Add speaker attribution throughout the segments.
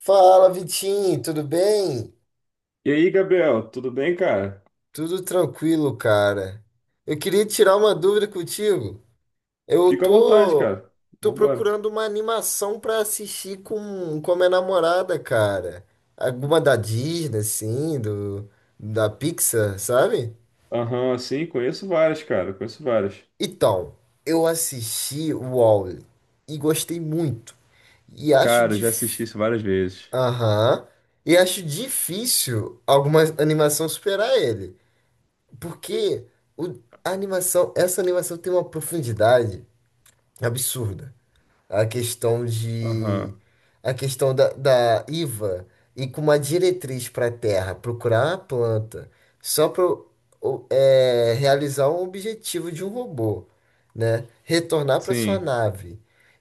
Speaker 1: Fala, Vitinho, tudo bem?
Speaker 2: E aí, Gabriel, tudo bem, cara?
Speaker 1: Tudo tranquilo, cara. Eu queria tirar uma dúvida contigo. Eu
Speaker 2: Fica à vontade,
Speaker 1: tô,
Speaker 2: cara.
Speaker 1: tô
Speaker 2: Vambora.
Speaker 1: procurando uma animação pra assistir com a minha namorada, cara. Alguma da Disney, assim, da Pixar, sabe?
Speaker 2: Aham, sim, conheço várias, cara. Conheço várias.
Speaker 1: Então, eu assisti o Wall-E e gostei muito. E acho
Speaker 2: Cara, eu já
Speaker 1: dif...
Speaker 2: assisti isso várias vezes.
Speaker 1: Aham. E acho difícil alguma animação superar ele. Porque essa animação tem uma profundidade absurda, a questão
Speaker 2: Aham.
Speaker 1: de a questão da IVA, e com uma diretriz para a terra procurar a planta só para realizar um objetivo de um robô, né? Retornar para sua
Speaker 2: Sim,
Speaker 1: nave.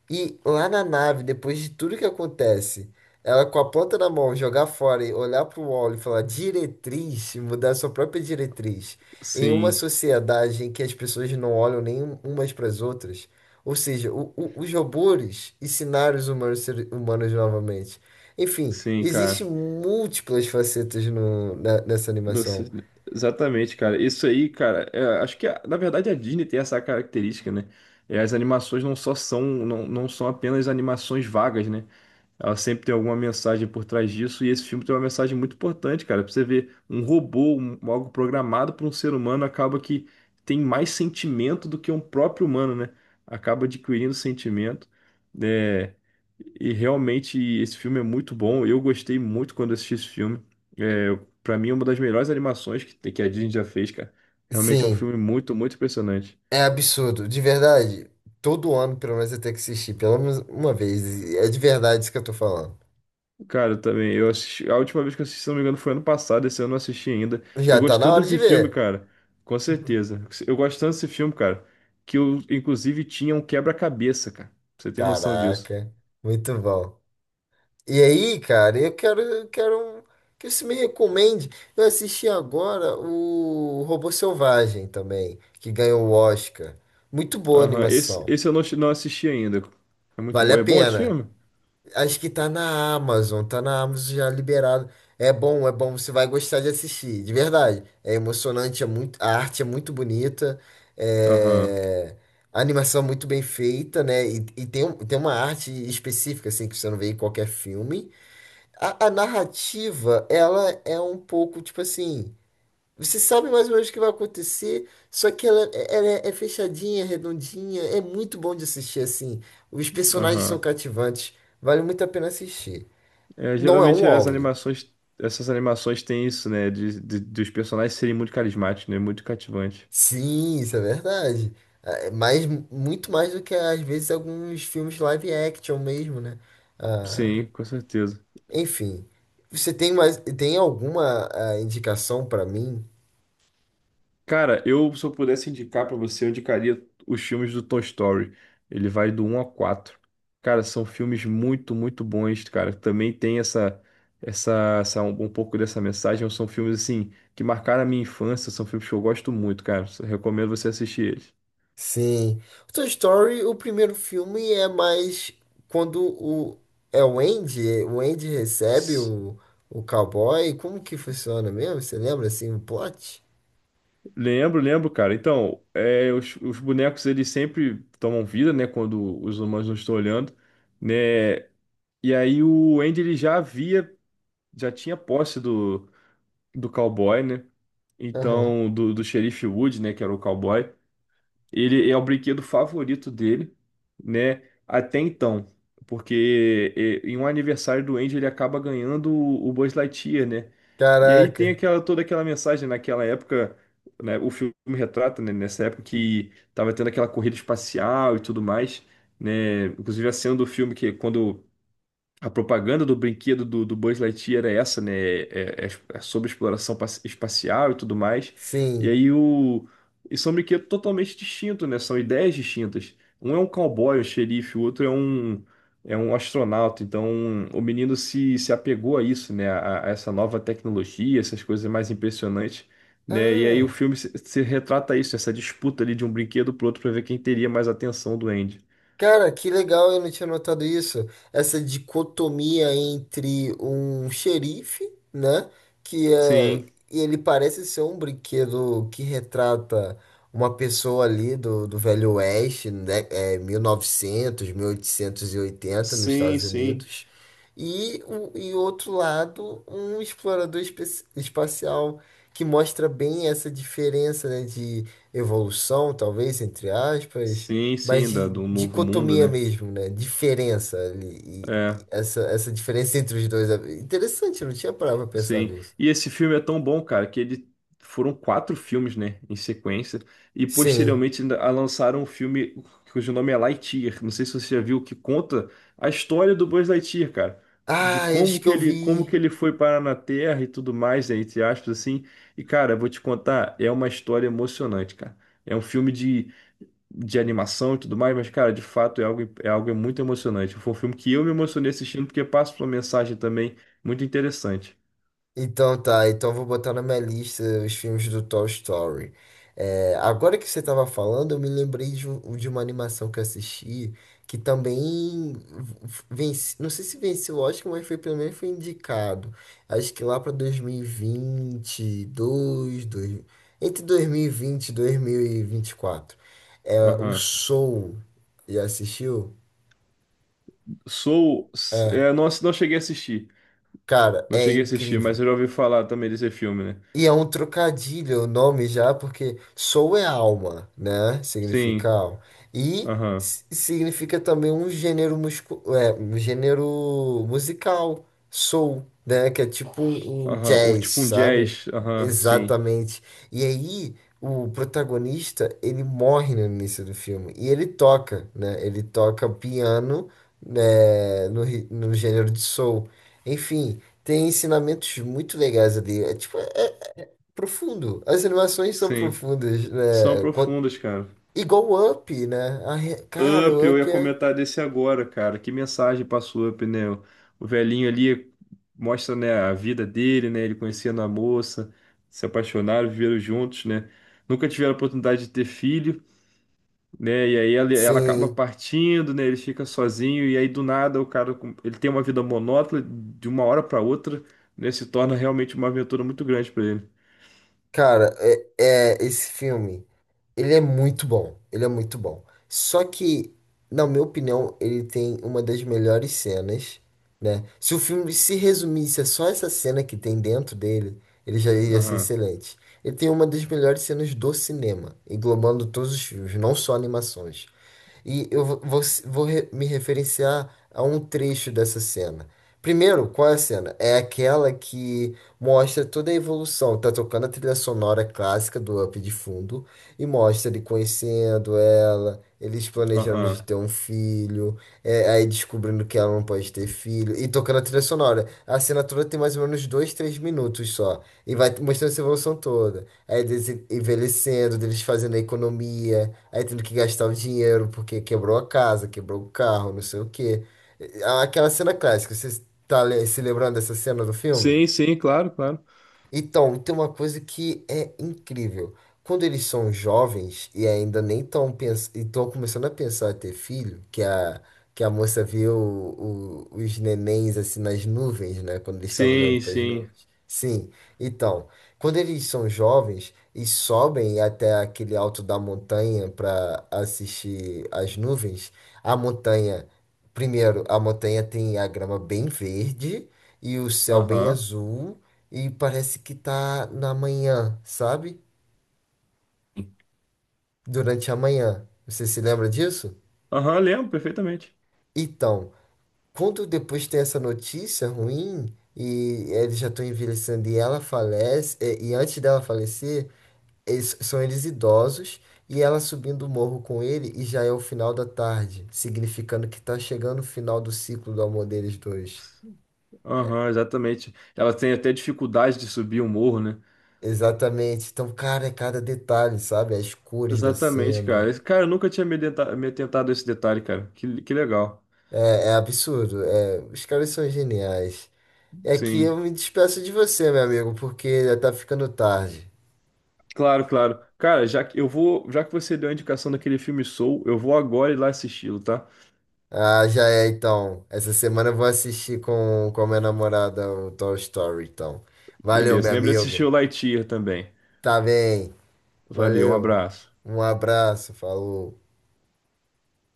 Speaker 1: E lá na nave, depois de tudo que acontece, ela com a planta na mão, jogar fora e olhar para o óleo e falar diretriz, e mudar sua própria diretriz. Em uma
Speaker 2: sim,
Speaker 1: sociedade em que as pessoas não olham nem umas para as outras, ou seja, os robôs ensinaram os humanos, humanos novamente. Enfim,
Speaker 2: sim,
Speaker 1: existem
Speaker 2: cara.
Speaker 1: múltiplas facetas nessa
Speaker 2: Nossa,
Speaker 1: animação.
Speaker 2: exatamente, cara. Isso aí, cara, é, acho que na verdade a Disney tem essa característica, né? É, as animações não só são, não, não são apenas animações vagas, né? Ela sempre tem alguma mensagem por trás disso, e esse filme tem uma mensagem muito importante, cara. Pra você ver, um robô, um- algo programado por um ser humano, acaba que tem mais sentimento do que um próprio humano, né? Acaba adquirindo sentimento. É, e realmente esse filme é muito bom. Eu gostei muito quando assisti esse filme. É, para mim, é uma das melhores animações que a Disney já fez, cara. Realmente é um
Speaker 1: Sim,
Speaker 2: filme muito, muito impressionante.
Speaker 1: é absurdo, de verdade. Todo ano, pelo menos, eu tenho que assistir, pelo menos uma vez. É de verdade isso que eu tô falando.
Speaker 2: Cara, eu também. Eu assisti, a última vez que eu assisti, se não me engano, foi ano passado. Esse ano eu não assisti ainda. Eu
Speaker 1: Já tá
Speaker 2: gosto
Speaker 1: na
Speaker 2: tanto
Speaker 1: hora de
Speaker 2: desse filme,
Speaker 1: ver.
Speaker 2: cara. Com certeza. Eu gosto tanto desse filme, cara, que eu, inclusive, tinha um quebra-cabeça, cara. Você tem noção disso?
Speaker 1: Caraca, muito bom. E aí, cara, eu quero que você me recomende. Eu assisti agora o Robô Selvagem também, que ganhou o Oscar. Muito boa a
Speaker 2: Aham. Esse,
Speaker 1: animação.
Speaker 2: esse eu não assisti ainda. É muito
Speaker 1: Vale
Speaker 2: bom.
Speaker 1: a
Speaker 2: É bom esse
Speaker 1: pena.
Speaker 2: filme?
Speaker 1: Acho que tá na Amazon, já liberado. É bom, você vai gostar de assistir, de verdade. É emocionante, é muito, a arte é muito bonita,
Speaker 2: Aham,
Speaker 1: é, a animação é muito bem feita, né? E tem uma arte específica, assim, que você não vê em qualquer filme. A narrativa, ela é um pouco, tipo assim, você sabe mais ou menos o que vai acontecer, só que ela é fechadinha, redondinha, é muito bom de assistir, assim. Os personagens são
Speaker 2: aham.
Speaker 1: cativantes, vale muito a pena assistir.
Speaker 2: É,
Speaker 1: Não é um
Speaker 2: geralmente as
Speaker 1: wall
Speaker 2: animações, essas animações têm isso, né? Dos personagens serem muito carismáticos, né? Muito cativantes.
Speaker 1: Sim, isso é verdade. Mas muito mais do que, às vezes, alguns filmes live action mesmo, né? Ah,
Speaker 2: Sim, com certeza.
Speaker 1: enfim, tem alguma indicação pra mim?
Speaker 2: Cara, eu se eu pudesse indicar pra você, eu indicaria os filmes do Toy Story. Ele vai do um a 4. Cara, são filmes muito, muito bons, cara. Também tem essa, essa, essa um, um pouco dessa mensagem. São filmes assim que marcaram a minha infância. São filmes que eu gosto muito, cara. Recomendo você assistir eles.
Speaker 1: Sim. O Toy Story, o primeiro filme é mais quando o é o Andy recebe
Speaker 2: S-
Speaker 1: o cowboy, como que funciona mesmo? Você lembra assim o plot?
Speaker 2: Lembro, lembro, cara. Então, é, os bonecos eles sempre tomam vida, né? Quando os humanos não estão olhando, né? E aí o Andy ele já havia, já tinha posse do cowboy, né?
Speaker 1: Aham.
Speaker 2: Então, do xerife Wood, né, que era o cowboy, ele é o brinquedo favorito dele, né, até então, porque é, em um aniversário do Andy ele acaba ganhando o Buzz Lightyear, né? E aí
Speaker 1: Caraca.
Speaker 2: tem aquela mensagem naquela época, né, o filme retrata, né, nessa época que tava tendo aquela corrida espacial e tudo mais, né? Inclusive a cena do filme que é quando a propaganda do brinquedo do Buzz Lightyear é essa, né? É, é sobre exploração espacial e tudo mais. E
Speaker 1: Sim.
Speaker 2: aí o. E são brinquedos totalmente distintos, né? São ideias distintas. Um é um cowboy, um xerife, o outro é é um astronauta. Então o menino se apegou a isso, né? A essa nova tecnologia, essas coisas mais impressionantes, né? E aí o
Speaker 1: Ah.
Speaker 2: filme se retrata isso, essa disputa ali de um brinquedo pro outro para ver quem teria mais atenção do Andy.
Speaker 1: Cara, que legal, eu não tinha notado isso. Essa dicotomia entre um xerife, né? Que é,
Speaker 2: Sim,
Speaker 1: e ele parece ser um brinquedo que retrata uma pessoa ali do Velho Oeste, né? É, 1900, 1880 nos
Speaker 2: sim,
Speaker 1: Estados
Speaker 2: sim.
Speaker 1: Unidos. E outro lado, um explorador espacial que mostra bem essa diferença, né, de evolução, talvez, entre aspas,
Speaker 2: Sim,
Speaker 1: mas
Speaker 2: sim, da, do Novo Mundo,
Speaker 1: dicotomia
Speaker 2: né?
Speaker 1: mesmo, né? Diferença ali. E-
Speaker 2: É,
Speaker 1: e essa diferença entre os dois. Interessante, eu não tinha parado pra pensar
Speaker 2: sim.
Speaker 1: nisso.
Speaker 2: E esse filme é tão bom, cara, que ele foram quatro filmes, né, em sequência, e
Speaker 1: Sim.
Speaker 2: posteriormente ainda lançaram um filme cujo nome é Lightyear. Não sei se você já viu, que conta a história do Buzz Lightyear, cara, de
Speaker 1: Ah, eu acho que eu
Speaker 2: como
Speaker 1: vi.
Speaker 2: que ele foi parar na Terra e tudo mais, né, entre aspas, assim. E, cara, eu vou te contar, é uma história emocionante, cara. É um filme de animação e tudo mais, mas, cara, de fato é algo muito emocionante. Foi um filme que eu me emocionei assistindo porque passa uma mensagem também muito interessante.
Speaker 1: Então tá, então eu vou botar na minha lista os filmes do Toy Story. É, agora que você estava falando, eu me lembrei de uma animação que eu assisti que também vence, não sei se venceu o Oscar, mas foi pelo menos foi indicado. Acho que lá para 2022, dois, dois entre 2020, vinte, 2024. O
Speaker 2: Aham.
Speaker 1: Soul, já assistiu?
Speaker 2: Soul,
Speaker 1: É,
Speaker 2: é, não, não cheguei a assistir.
Speaker 1: cara,
Speaker 2: Não
Speaker 1: é
Speaker 2: cheguei a assistir, mas
Speaker 1: incrível.
Speaker 2: eu já ouvi falar também desse filme, né?
Speaker 1: E é um trocadilho o nome já, porque soul é alma, né? Significa
Speaker 2: Sim,
Speaker 1: alma. E
Speaker 2: aham,
Speaker 1: significa também um gênero um gênero musical, soul, né? Que é tipo um
Speaker 2: aham. Ou
Speaker 1: jazz,
Speaker 2: tipo um
Speaker 1: sabe?
Speaker 2: jazz, aham, sim,
Speaker 1: Exatamente. E aí o protagonista, ele morre no início do filme. E ele toca, né? Ele toca piano, né? No gênero de soul. Enfim, tem ensinamentos muito legais ali. É tipo, é profundo. As animações são
Speaker 2: sim.
Speaker 1: profundas,
Speaker 2: São
Speaker 1: né?
Speaker 2: profundas, cara.
Speaker 1: Igual o Up, né? Cara,
Speaker 2: Up,
Speaker 1: o
Speaker 2: eu ia
Speaker 1: Up é.
Speaker 2: comentar desse agora, cara. Que mensagem passou Up, né? O velhinho ali mostra, né, a vida dele, né? Ele conhecendo a moça, se apaixonaram, viveram juntos, né? Nunca tiveram a oportunidade de ter filho, né? E aí ela acaba
Speaker 1: Sim,
Speaker 2: partindo, né? Ele fica sozinho e aí do nada o cara, ele tem uma vida monótona de uma hora para outra, né? Se torna realmente uma aventura muito grande para ele.
Speaker 1: cara, esse filme, ele é muito bom. Ele é muito bom. Só que, na minha opinião, ele tem uma das melhores cenas, né? Se o filme se resumisse a só essa cena que tem dentro dele, ele já ia ser
Speaker 2: Aham,
Speaker 1: excelente. Ele tem uma das melhores cenas do cinema, englobando todos os filmes, não só animações. E eu vou me referenciar a um trecho dessa cena. Primeiro, qual é a cena? É aquela que mostra toda a evolução. Tá tocando a trilha sonora clássica do Up de fundo e mostra ele conhecendo ela, eles planejando
Speaker 2: aham.
Speaker 1: de ter um filho, aí descobrindo que ela não pode ter filho e tocando a trilha sonora. A cena toda tem mais ou menos dois, três minutos só. E vai mostrando essa evolução toda. Aí eles envelhecendo, deles fazendo a economia, aí tendo que gastar o dinheiro porque quebrou a casa, quebrou o carro, não sei o quê. Aquela cena clássica, você tá se lembrando dessa cena do filme?
Speaker 2: Sim, sim, claro, claro.
Speaker 1: Então, tem uma coisa que é incrível. Quando eles são jovens e ainda nem estão começando a pensar em ter filho, que a moça viu os nenéns assim nas nuvens, né? Quando eles estavam olhando
Speaker 2: Sim,
Speaker 1: para as
Speaker 2: sim.
Speaker 1: nuvens. Sim, então, quando eles são jovens e sobem até aquele alto da montanha para assistir as nuvens, a montanha, primeiro, a montanha tem a grama bem verde e o céu bem
Speaker 2: Aham.
Speaker 1: azul e parece que tá na manhã, sabe? Durante a manhã. Você se lembra disso?
Speaker 2: Aham, lembro perfeitamente.
Speaker 1: Então, quando depois tem essa notícia ruim e eles já estão envelhecendo e ela falece, e antes dela falecer, são eles idosos e ela subindo o morro com ele e já é o final da tarde, significando que tá chegando o final do ciclo do amor deles dois.
Speaker 2: Aham, exatamente. Ela tem até dificuldade de subir um morro, né?
Speaker 1: Exatamente. Então, cara, é cada detalhe, sabe? As cores da
Speaker 2: Exatamente,
Speaker 1: cena.
Speaker 2: cara. Cara, eu nunca tinha me, me atentado a esse detalhe, cara. Que legal.
Speaker 1: É, é absurdo. É, os caras são geniais. É que
Speaker 2: Sim.
Speaker 1: eu me despeço de você, meu amigo, porque já tá ficando tarde.
Speaker 2: Claro, claro. Cara, já que eu vou, já que você deu a indicação daquele filme Soul, eu vou agora ir lá assisti-lo, tá?
Speaker 1: Ah, já é, então. Essa semana eu vou assistir com a minha namorada o Toy Story, então. Valeu, meu
Speaker 2: Beleza. Lembra de assistir
Speaker 1: amigo.
Speaker 2: o Lightyear também.
Speaker 1: Tá bem.
Speaker 2: Valeu, um
Speaker 1: Valeu.
Speaker 2: abraço.
Speaker 1: Um abraço. Falou.